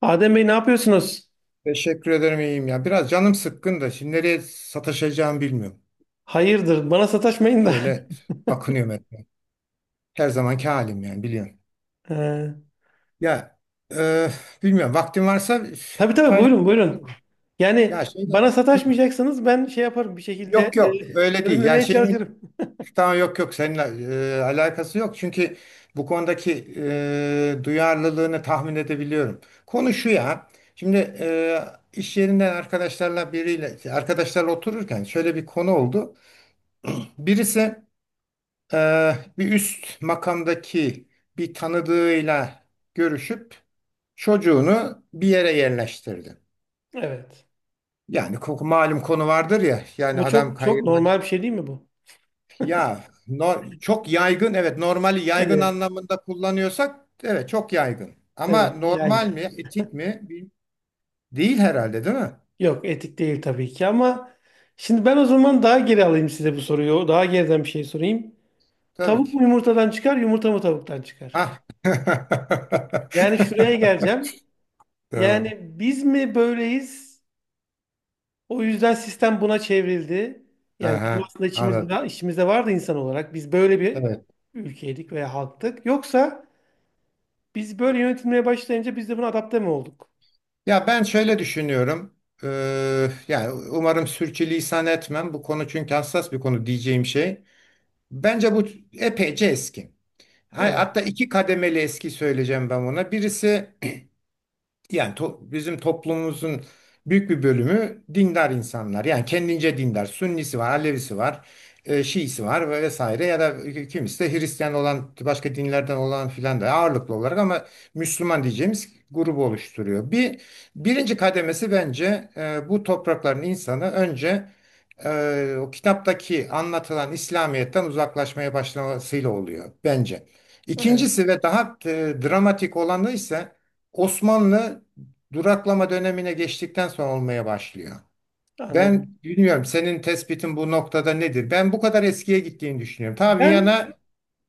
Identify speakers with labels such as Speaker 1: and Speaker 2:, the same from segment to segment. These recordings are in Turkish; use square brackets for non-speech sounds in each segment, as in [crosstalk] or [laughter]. Speaker 1: Adem Bey ne yapıyorsunuz?
Speaker 2: Teşekkür ederim, iyiyim ya. Biraz canım sıkkın da şimdi nereye sataşacağımı bilmiyorum.
Speaker 1: Hayırdır, bana sataşmayın da. [laughs]
Speaker 2: Şöyle bakınıyorum etmeye. Her zamanki halim, yani biliyorum.
Speaker 1: Ee,
Speaker 2: Ya, e, bilmiyorum, vaktin varsa
Speaker 1: tabii tabii,
Speaker 2: paylaş.
Speaker 1: buyurun buyurun.
Speaker 2: Ya
Speaker 1: Yani
Speaker 2: şeyde
Speaker 1: bana
Speaker 2: Hı.
Speaker 1: sataşmayacaksanız ben şey yaparım bir şekilde
Speaker 2: Yok, yok, öyle
Speaker 1: [laughs]
Speaker 2: değil. Yani
Speaker 1: önlemeye
Speaker 2: şeyim,
Speaker 1: çalışırım.
Speaker 2: tamam. Yok, yok, seninle alakası yok. Çünkü bu konudaki duyarlılığını tahmin edebiliyorum. Konu şu ya. Şimdi, iş yerinden arkadaşlarla otururken şöyle bir konu oldu. Birisi, e, bir üst makamdaki bir tanıdığıyla görüşüp çocuğunu bir yere yerleştirdi.
Speaker 1: Evet.
Speaker 2: Yani malum konu vardır ya, yani
Speaker 1: Bu
Speaker 2: adam
Speaker 1: çok çok normal
Speaker 2: kayırmacı.
Speaker 1: bir şey değil mi bu?
Speaker 2: Çok yaygın. Evet, normali yaygın
Speaker 1: Evet.
Speaker 2: anlamında kullanıyorsak, evet, çok yaygın. Ama
Speaker 1: Evet.
Speaker 2: normal
Speaker 1: Yani
Speaker 2: mi, etik mi? Değil herhalde, değil mi?
Speaker 1: yok, etik değil tabii ki ama şimdi ben o zaman daha geri alayım size bu soruyu. Daha geriden bir şey sorayım.
Speaker 2: Tabii
Speaker 1: Tavuk
Speaker 2: ki.
Speaker 1: mu yumurtadan çıkar, yumurta mı tavuktan çıkar?
Speaker 2: Ha.
Speaker 1: Yani şuraya
Speaker 2: [laughs]
Speaker 1: geleceğim.
Speaker 2: Tamam.
Speaker 1: Yani biz mi böyleyiz? O yüzden sistem buna çevrildi. Yani bizim
Speaker 2: Aha,
Speaker 1: aslında
Speaker 2: anladım.
Speaker 1: içimizde, içimizde vardı insan olarak. Biz böyle bir
Speaker 2: Evet.
Speaker 1: ülkeydik veya halktık. Yoksa biz böyle yönetilmeye başlayınca biz de buna adapte mi olduk?
Speaker 2: Ya ben şöyle düşünüyorum. Yani umarım sürçülisan etmem. Bu konu çünkü hassas bir konu diyeceğim şey. Bence bu epeyce eski.
Speaker 1: Evet,
Speaker 2: Hatta iki kademeli eski söyleyeceğim ben buna. Birisi, yani bizim toplumumuzun büyük bir bölümü dindar insanlar. Yani kendince dindar. Sünnisi var, Alevisi var, Şiisi var ve vesaire, ya da kimisi de Hristiyan olan, başka dinlerden olan filan da ağırlıklı olarak ama Müslüman diyeceğimiz grubu oluşturuyor. Birinci kademesi bence bu toprakların insanı önce o kitaptaki anlatılan İslamiyet'ten uzaklaşmaya başlamasıyla oluyor bence.
Speaker 1: evet,
Speaker 2: İkincisi ve daha dramatik olanı ise, Osmanlı duraklama dönemine geçtikten sonra olmaya başlıyor.
Speaker 1: anladım.
Speaker 2: Ben bilmiyorum, senin tespitin bu noktada nedir? Ben bu kadar eskiye gittiğini düşünüyorum. Ta
Speaker 1: Ben
Speaker 2: Viyana.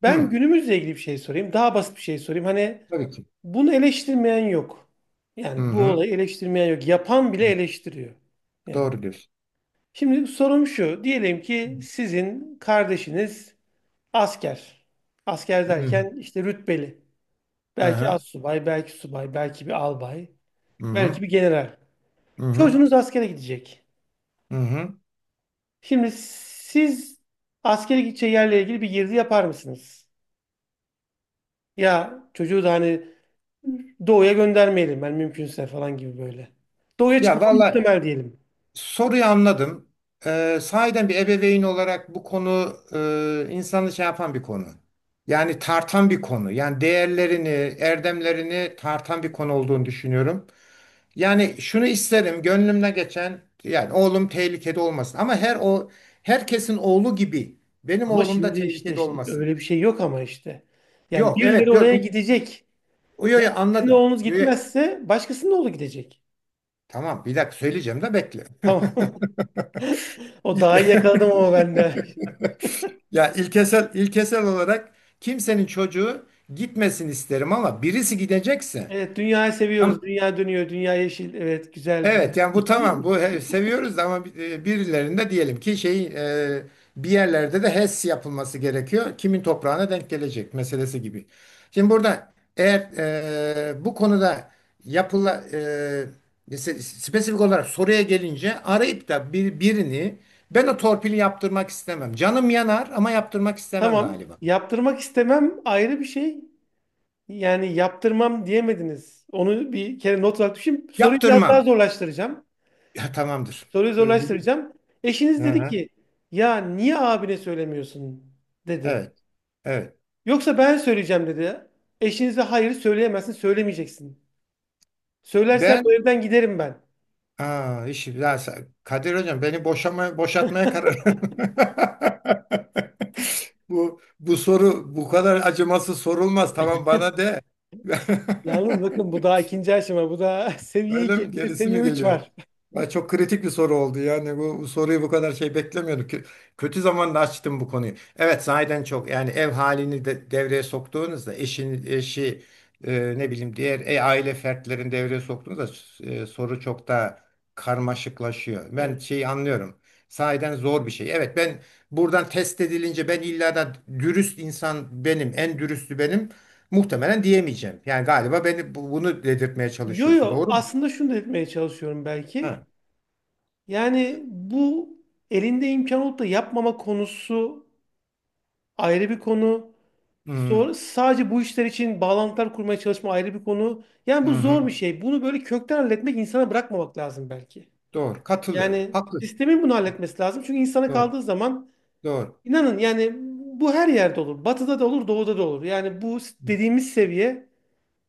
Speaker 1: ben
Speaker 2: Hı,
Speaker 1: günümüzle ilgili bir şey sorayım. Daha basit bir şey sorayım. Hani
Speaker 2: tabii ki.
Speaker 1: bunu eleştirmeyen yok.
Speaker 2: Hı
Speaker 1: Yani bu
Speaker 2: hı.
Speaker 1: olayı eleştirmeyen yok. Yapan bile eleştiriyor. Yani.
Speaker 2: Doğru diyorsun.
Speaker 1: Şimdi sorum şu. Diyelim ki sizin kardeşiniz asker. Asker
Speaker 2: Hı hı.
Speaker 1: derken işte rütbeli. Belki
Speaker 2: Aha,
Speaker 1: assubay, belki subay, belki bir albay,
Speaker 2: hı hı.
Speaker 1: belki bir general.
Speaker 2: Hı hı.
Speaker 1: Çocuğunuz askere gidecek.
Speaker 2: Hı hı.
Speaker 1: Şimdi siz askere gideceği yerle ilgili bir girdi yapar mısınız? Ya çocuğu da hani doğuya göndermeyelim ben mümkünse falan gibi böyle. Doğuya
Speaker 2: Ya,
Speaker 1: çıkması
Speaker 2: vallahi,
Speaker 1: muhtemel diyelim.
Speaker 2: soruyu anladım. Sahiden bir ebeveyn olarak bu konu, insanı şey yapan bir konu. Yani tartan bir konu. Yani değerlerini, erdemlerini tartan bir konu olduğunu düşünüyorum. Yani şunu isterim, gönlümden geçen yani oğlum tehlikede olmasın. Ama herkesin oğlu gibi benim
Speaker 1: Ama
Speaker 2: oğlum da
Speaker 1: şimdi işte
Speaker 2: tehlikede
Speaker 1: şimdi
Speaker 2: olmasın.
Speaker 1: öyle bir şey yok ama işte. Yani
Speaker 2: Yok,
Speaker 1: birileri
Speaker 2: evet, yok.
Speaker 1: oraya gidecek.
Speaker 2: Yo,
Speaker 1: Ve
Speaker 2: yo,
Speaker 1: sizin
Speaker 2: anladım.
Speaker 1: oğlunuz
Speaker 2: Yo, yo.
Speaker 1: gitmezse başkasının oğlu gidecek.
Speaker 2: Tamam, bir dakika söyleyeceğim de bekle.
Speaker 1: Tamam. [laughs]
Speaker 2: [laughs]
Speaker 1: O
Speaker 2: İlk-
Speaker 1: daha iyi, yakaladım ama ben de.
Speaker 2: [laughs] Ya, ilkesel olarak, kimsenin çocuğu gitmesin isterim, ama birisi gidecekse.
Speaker 1: Evet, dünyayı seviyoruz.
Speaker 2: Tam-
Speaker 1: Dünya dönüyor, dünya yeşil. Evet, güzel dünya.
Speaker 2: evet, yani bu
Speaker 1: [laughs]
Speaker 2: tamam, bu seviyoruz, ama birilerinde diyelim ki şey, e, bir yerlerde de HES yapılması gerekiyor. Kimin toprağına denk gelecek meselesi gibi. Şimdi burada eğer bu konuda yapıla e, spesifik olarak soruya gelince, arayıp da birini ben o torpili yaptırmak istemem. Canım yanar ama yaptırmak istemem
Speaker 1: Tamam.
Speaker 2: galiba.
Speaker 1: Yaptırmak istemem ayrı bir şey. Yani yaptırmam diyemediniz. Onu bir kere not olarak düşün. Soruyu biraz daha
Speaker 2: Yaptırmam.
Speaker 1: zorlaştıracağım.
Speaker 2: Ya, tamamdır.
Speaker 1: Soruyu
Speaker 2: Bugün.
Speaker 1: zorlaştıracağım. Eşiniz
Speaker 2: Hı
Speaker 1: dedi
Speaker 2: hı.
Speaker 1: ki, ya niye abine söylemiyorsun dedi.
Speaker 2: Evet. Evet.
Speaker 1: Yoksa ben söyleyeceğim dedi. Eşinize hayır söyleyemezsin, söylemeyeceksin. Söylersen bu
Speaker 2: Ben,
Speaker 1: evden giderim ben.
Speaker 2: Kadir Hocam beni boşatmaya karar. [laughs] Bu soru bu kadar acımasız sorulmaz. Tamam, bana de.
Speaker 1: Yalnız bakın
Speaker 2: [laughs]
Speaker 1: bu daha ikinci aşama. Bu daha [laughs] seviye
Speaker 2: Öyle
Speaker 1: 2,
Speaker 2: mi?
Speaker 1: bir de [laughs]
Speaker 2: Gerisi
Speaker 1: seviye
Speaker 2: mi
Speaker 1: 3
Speaker 2: geliyor?
Speaker 1: var.
Speaker 2: Ay, çok kritik bir soru oldu. Yani bu soruyu bu kadar şey beklemiyorduk. Kötü zamanda açtım bu konuyu. Evet, sahiden çok, yani ev halini de devreye soktuğunuzda, eşi, ne bileyim, diğer aile fertlerini devreye soktuğunuzda, soru çok daha karmaşıklaşıyor. Ben
Speaker 1: Evet.
Speaker 2: şeyi anlıyorum. Sahiden zor bir şey. Evet, ben buradan test edilince ben illa da dürüst insan benim, en dürüstü benim muhtemelen diyemeyeceğim. Yani galiba beni bunu dedirtmeye
Speaker 1: Yo
Speaker 2: çalışıyorsun.
Speaker 1: yo,
Speaker 2: Doğru mu?
Speaker 1: aslında şunu da etmeye çalışıyorum belki.
Speaker 2: Ha.
Speaker 1: Yani bu, elinde imkan olup da yapmama konusu ayrı bir konu.
Speaker 2: Hı hı.
Speaker 1: Sonra sadece bu işler için bağlantılar kurmaya çalışma ayrı bir konu. Yani bu
Speaker 2: Hı.
Speaker 1: zor bir şey. Bunu böyle kökten halletmek, insana bırakmamak lazım belki.
Speaker 2: Doğru. Katılıyorum.
Speaker 1: Yani
Speaker 2: Haklı.
Speaker 1: sistemin bunu halletmesi lazım. Çünkü insana
Speaker 2: Doğru.
Speaker 1: kaldığı zaman
Speaker 2: Doğru.
Speaker 1: İnanın yani bu her yerde olur. Batıda da olur, doğuda da olur. Yani bu dediğimiz seviye,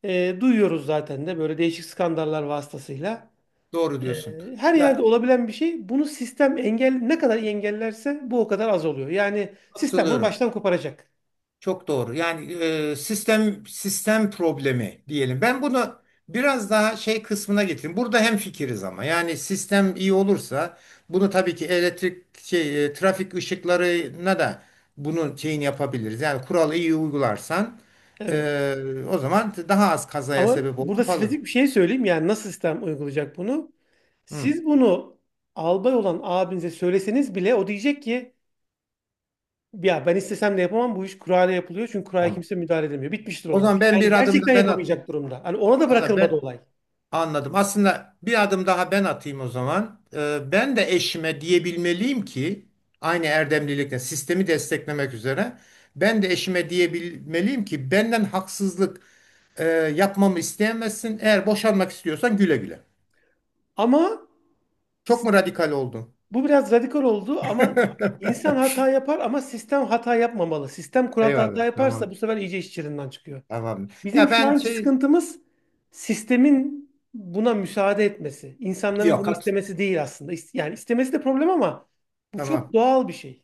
Speaker 1: duyuyoruz zaten de böyle değişik skandallar vasıtasıyla.
Speaker 2: Doğru diyorsun.
Speaker 1: Her yerde
Speaker 2: Ya,
Speaker 1: olabilen bir şey. Bunu sistem engel ne kadar iyi engellerse bu o kadar az oluyor. Yani sistem bunu
Speaker 2: katılıyorum.
Speaker 1: baştan koparacak.
Speaker 2: Çok doğru. Yani, sistem problemi diyelim. Ben bunu biraz daha şey kısmına getireyim. Burada hem fikiriz ama. Yani sistem iyi olursa, bunu tabii ki elektrik şey, trafik ışıklarına da bunun şeyini yapabiliriz. Yani kuralı iyi uygularsan,
Speaker 1: Evet.
Speaker 2: o zaman daha az kazaya
Speaker 1: Ama
Speaker 2: sebep
Speaker 1: burada
Speaker 2: olur falan.
Speaker 1: spesifik bir şey söyleyeyim. Yani nasıl sistem uygulayacak bunu?
Speaker 2: Hı.
Speaker 1: Siz bunu albay olan abinize söyleseniz bile o diyecek ki ya ben istesem de yapamam, bu iş kurayla yapılıyor çünkü kuraya
Speaker 2: Tamam.
Speaker 1: kimse müdahale edemiyor. Bitmiştir
Speaker 2: O
Speaker 1: olay.
Speaker 2: zaman ben
Speaker 1: Yani
Speaker 2: bir adım da
Speaker 1: gerçekten
Speaker 2: ben atayım.
Speaker 1: yapamayacak durumda. Hani ona da
Speaker 2: Ha,
Speaker 1: bırakılmadı
Speaker 2: ben
Speaker 1: olay.
Speaker 2: anladım. Aslında bir adım daha ben atayım o zaman. Ben de eşime diyebilmeliyim ki, aynı erdemlilikle sistemi desteklemek üzere ben de eşime diyebilmeliyim ki benden haksızlık yapmamı isteyemezsin. Eğer boşanmak istiyorsan, güle güle.
Speaker 1: Ama
Speaker 2: Çok
Speaker 1: s-
Speaker 2: mu radikal oldun?
Speaker 1: bu biraz radikal oldu ama insan
Speaker 2: [laughs]
Speaker 1: hata yapar ama sistem hata yapmamalı. Sistem kuralda hata
Speaker 2: Eyvallah.
Speaker 1: yaparsa bu
Speaker 2: Tamam.
Speaker 1: sefer iyice iş çığırından çıkıyor.
Speaker 2: Tamam.
Speaker 1: Bizim
Speaker 2: Ya,
Speaker 1: şu
Speaker 2: ben
Speaker 1: anki
Speaker 2: şey
Speaker 1: sıkıntımız sistemin buna müsaade etmesi. İnsanların
Speaker 2: yok.
Speaker 1: bunu istemesi değil aslında. Yani istemesi de problem ama bu çok
Speaker 2: Tamam.
Speaker 1: doğal bir şey.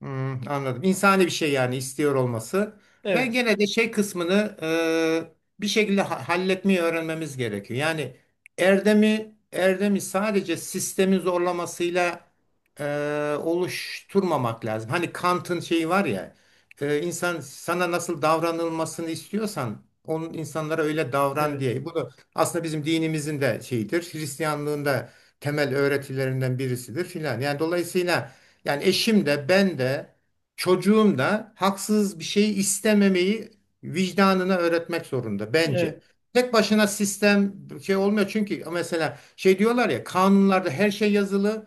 Speaker 2: Hmm, anladım. İnsani bir şey, yani istiyor olması. Ben
Speaker 1: Evet,
Speaker 2: gene de şey kısmını, bir şekilde halletmeyi öğrenmemiz gerekiyor. Yani erdemi sadece sistemin zorlamasıyla e, oluşturmamak lazım. Hani Kant'ın şeyi var ya, insan, sana nasıl davranılmasını istiyorsan onun insanlara öyle davran
Speaker 1: evet,
Speaker 2: diye. Bu da aslında bizim dinimizin de şeyidir. Hristiyanlığın da temel öğretilerinden birisidir filan. Yani dolayısıyla, yani eşim de, ben de, çocuğum da haksız bir şey istememeyi vicdanına öğretmek zorunda
Speaker 1: evet.
Speaker 2: bence. Tek başına sistem şey olmuyor, çünkü mesela şey diyorlar ya, kanunlarda her şey yazılı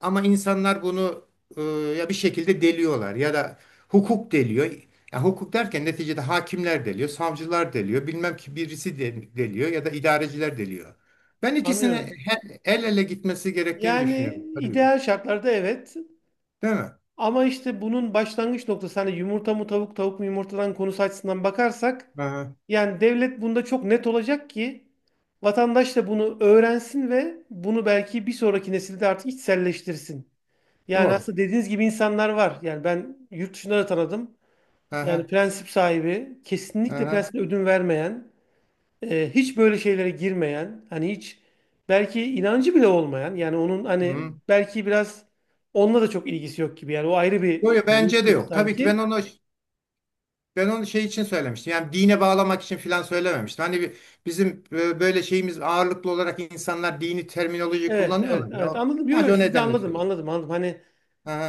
Speaker 2: ama insanlar bunu e, ya bir şekilde deliyorlar ya da hukuk deliyor. Ya hukuk derken, neticede hakimler deliyor, savcılar deliyor, bilmem ki birisi deliyor ya da idareciler deliyor. Ben ikisini
Speaker 1: Anlıyorum.
Speaker 2: el ele gitmesi gerektiğini
Speaker 1: Yani
Speaker 2: düşünüyorum. Tabii.
Speaker 1: ideal şartlarda evet.
Speaker 2: Değil mi?
Speaker 1: Ama işte bunun başlangıç noktası, hani yumurta mı tavuk, tavuk mu yumurtadan konusu açısından bakarsak,
Speaker 2: Aha.
Speaker 1: yani devlet bunda çok net olacak ki vatandaş da bunu öğrensin ve bunu belki bir sonraki nesilde artık içselleştirsin. Yani
Speaker 2: Doğru.
Speaker 1: aslında dediğiniz gibi insanlar var. Yani ben yurt dışında da tanıdım. Yani
Speaker 2: Aha,
Speaker 1: prensip sahibi, kesinlikle
Speaker 2: aha.
Speaker 1: prensip ödün vermeyen, hiç böyle şeylere girmeyen, hani hiç belki inancı bile olmayan, yani onun hani
Speaker 2: Hı.
Speaker 1: belki biraz onunla da çok ilgisi yok gibi. Yani o ayrı bir
Speaker 2: Doğru,
Speaker 1: boyut
Speaker 2: bence de
Speaker 1: gibi
Speaker 2: yok. Tabii ki ben
Speaker 1: sanki.
Speaker 2: onu ben onu şey için söylemiştim. Yani dine bağlamak için filan söylememiştim. Hani bizim böyle şeyimiz, ağırlıklı olarak insanlar dini terminoloji
Speaker 1: Evet, evet,
Speaker 2: kullanıyorlar ya.
Speaker 1: evet. Anladım. Yok,
Speaker 2: Sadece
Speaker 1: yok,
Speaker 2: o
Speaker 1: siz de
Speaker 2: nedenle
Speaker 1: anladım,
Speaker 2: söyleyeyim.
Speaker 1: anladım, anladım. Hani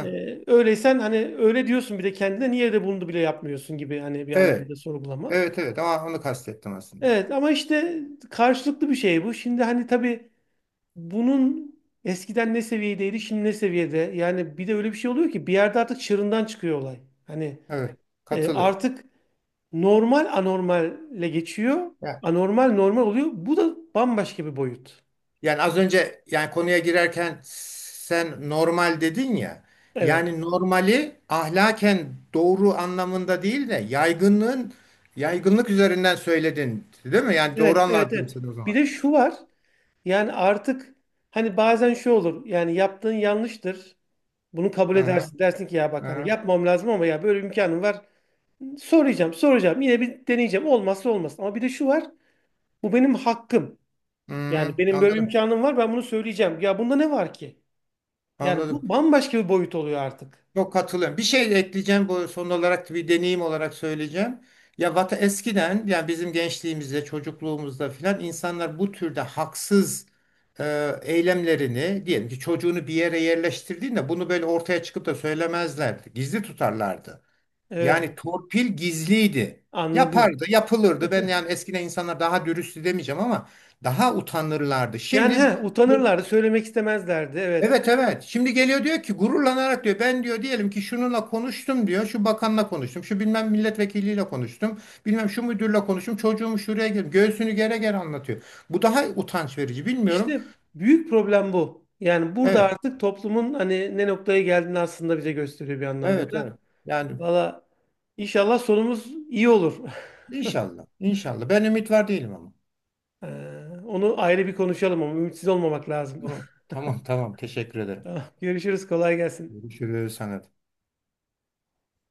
Speaker 1: öyleysen hani öyle diyorsun bir de kendine, niye de bunu bile yapmıyorsun gibi, hani bir
Speaker 2: Evet.
Speaker 1: anlamda sorgulama.
Speaker 2: Evet, evet, ama onu kastettim aslında.
Speaker 1: Evet ama işte karşılıklı bir şey bu. Şimdi hani tabii bunun eskiden ne seviyedeydi, şimdi ne seviyede? Yani bir de öyle bir şey oluyor ki bir yerde artık çığırından çıkıyor olay. Hani
Speaker 2: Evet. Katılıyorum.
Speaker 1: artık normal anormalle geçiyor.
Speaker 2: Ya.
Speaker 1: Anormal normal oluyor. Bu da bambaşka bir boyut.
Speaker 2: Yani az önce, yani konuya girerken sen normal dedin ya.
Speaker 1: Evet.
Speaker 2: Yani normali ahlaken doğru anlamında değil de yaygınlık üzerinden söyledin, değil mi? Yani doğru
Speaker 1: Evet, evet,
Speaker 2: anladım
Speaker 1: evet.
Speaker 2: seni o
Speaker 1: Bir
Speaker 2: zaman.
Speaker 1: de şu var. Yani artık hani bazen şu olur. Yani yaptığın yanlıştır. Bunu kabul
Speaker 2: Hı hı,
Speaker 1: edersin. Dersin ki ya
Speaker 2: hı
Speaker 1: bak hani
Speaker 2: hı,
Speaker 1: yapmam lazım ama ya böyle bir imkanım var. Soracağım, soracağım. Yine bir deneyeceğim. Olmazsa olmaz. Ama bir de şu var. Bu benim hakkım.
Speaker 2: hı
Speaker 1: Yani
Speaker 2: hı,
Speaker 1: benim böyle bir
Speaker 2: anladım.
Speaker 1: imkanım var, ben bunu söyleyeceğim. Ya bunda ne var ki? Yani
Speaker 2: Anladım.
Speaker 1: bu bambaşka bir boyut oluyor artık.
Speaker 2: Çok katılıyorum. Bir şey de ekleyeceğim, bu son olarak bir deneyim olarak söyleyeceğim. Ya, eskiden, yani bizim gençliğimizde, çocukluğumuzda filan, insanlar bu türde haksız eylemlerini, diyelim ki çocuğunu bir yere yerleştirdiğinde, bunu böyle ortaya çıkıp da söylemezlerdi. Gizli tutarlardı. Yani
Speaker 1: Evet,
Speaker 2: torpil gizliydi.
Speaker 1: anladım.
Speaker 2: Yapardı, yapılırdı. Ben,
Speaker 1: [laughs]
Speaker 2: yani eskiden insanlar daha dürüsttü demeyeceğim ama daha utanırlardı.
Speaker 1: Yani
Speaker 2: Şimdi.
Speaker 1: he, utanırlardı, söylemek istemezlerdi evet.
Speaker 2: Evet, evet. Şimdi geliyor, diyor ki gururlanarak, diyor ben, diyor, diyelim ki şununla konuştum, diyor. Şu bakanla konuştum. Şu bilmem milletvekiliyle konuştum. Bilmem şu müdürle konuştum. Çocuğumu şuraya girdim. Göğsünü gere gere anlatıyor. Bu daha utanç verici, bilmiyorum.
Speaker 1: İşte büyük problem bu. Yani burada
Speaker 2: Evet.
Speaker 1: artık toplumun hani ne noktaya geldiğini aslında bize gösteriyor bir anlamda
Speaker 2: Evet,
Speaker 1: da.
Speaker 2: evet. Yani.
Speaker 1: Valla inşallah sonumuz iyi olur. [laughs]
Speaker 2: İnşallah. İnşallah. Ben ümit var değilim ama.
Speaker 1: Ee, Onu ayrı bir konuşalım ama ümitsiz olmamak lazım.
Speaker 2: Tamam, tamam, tamam. Teşekkür
Speaker 1: [laughs]
Speaker 2: ederim.
Speaker 1: Tamam, görüşürüz, kolay gelsin.
Speaker 2: Görüşürüz sana.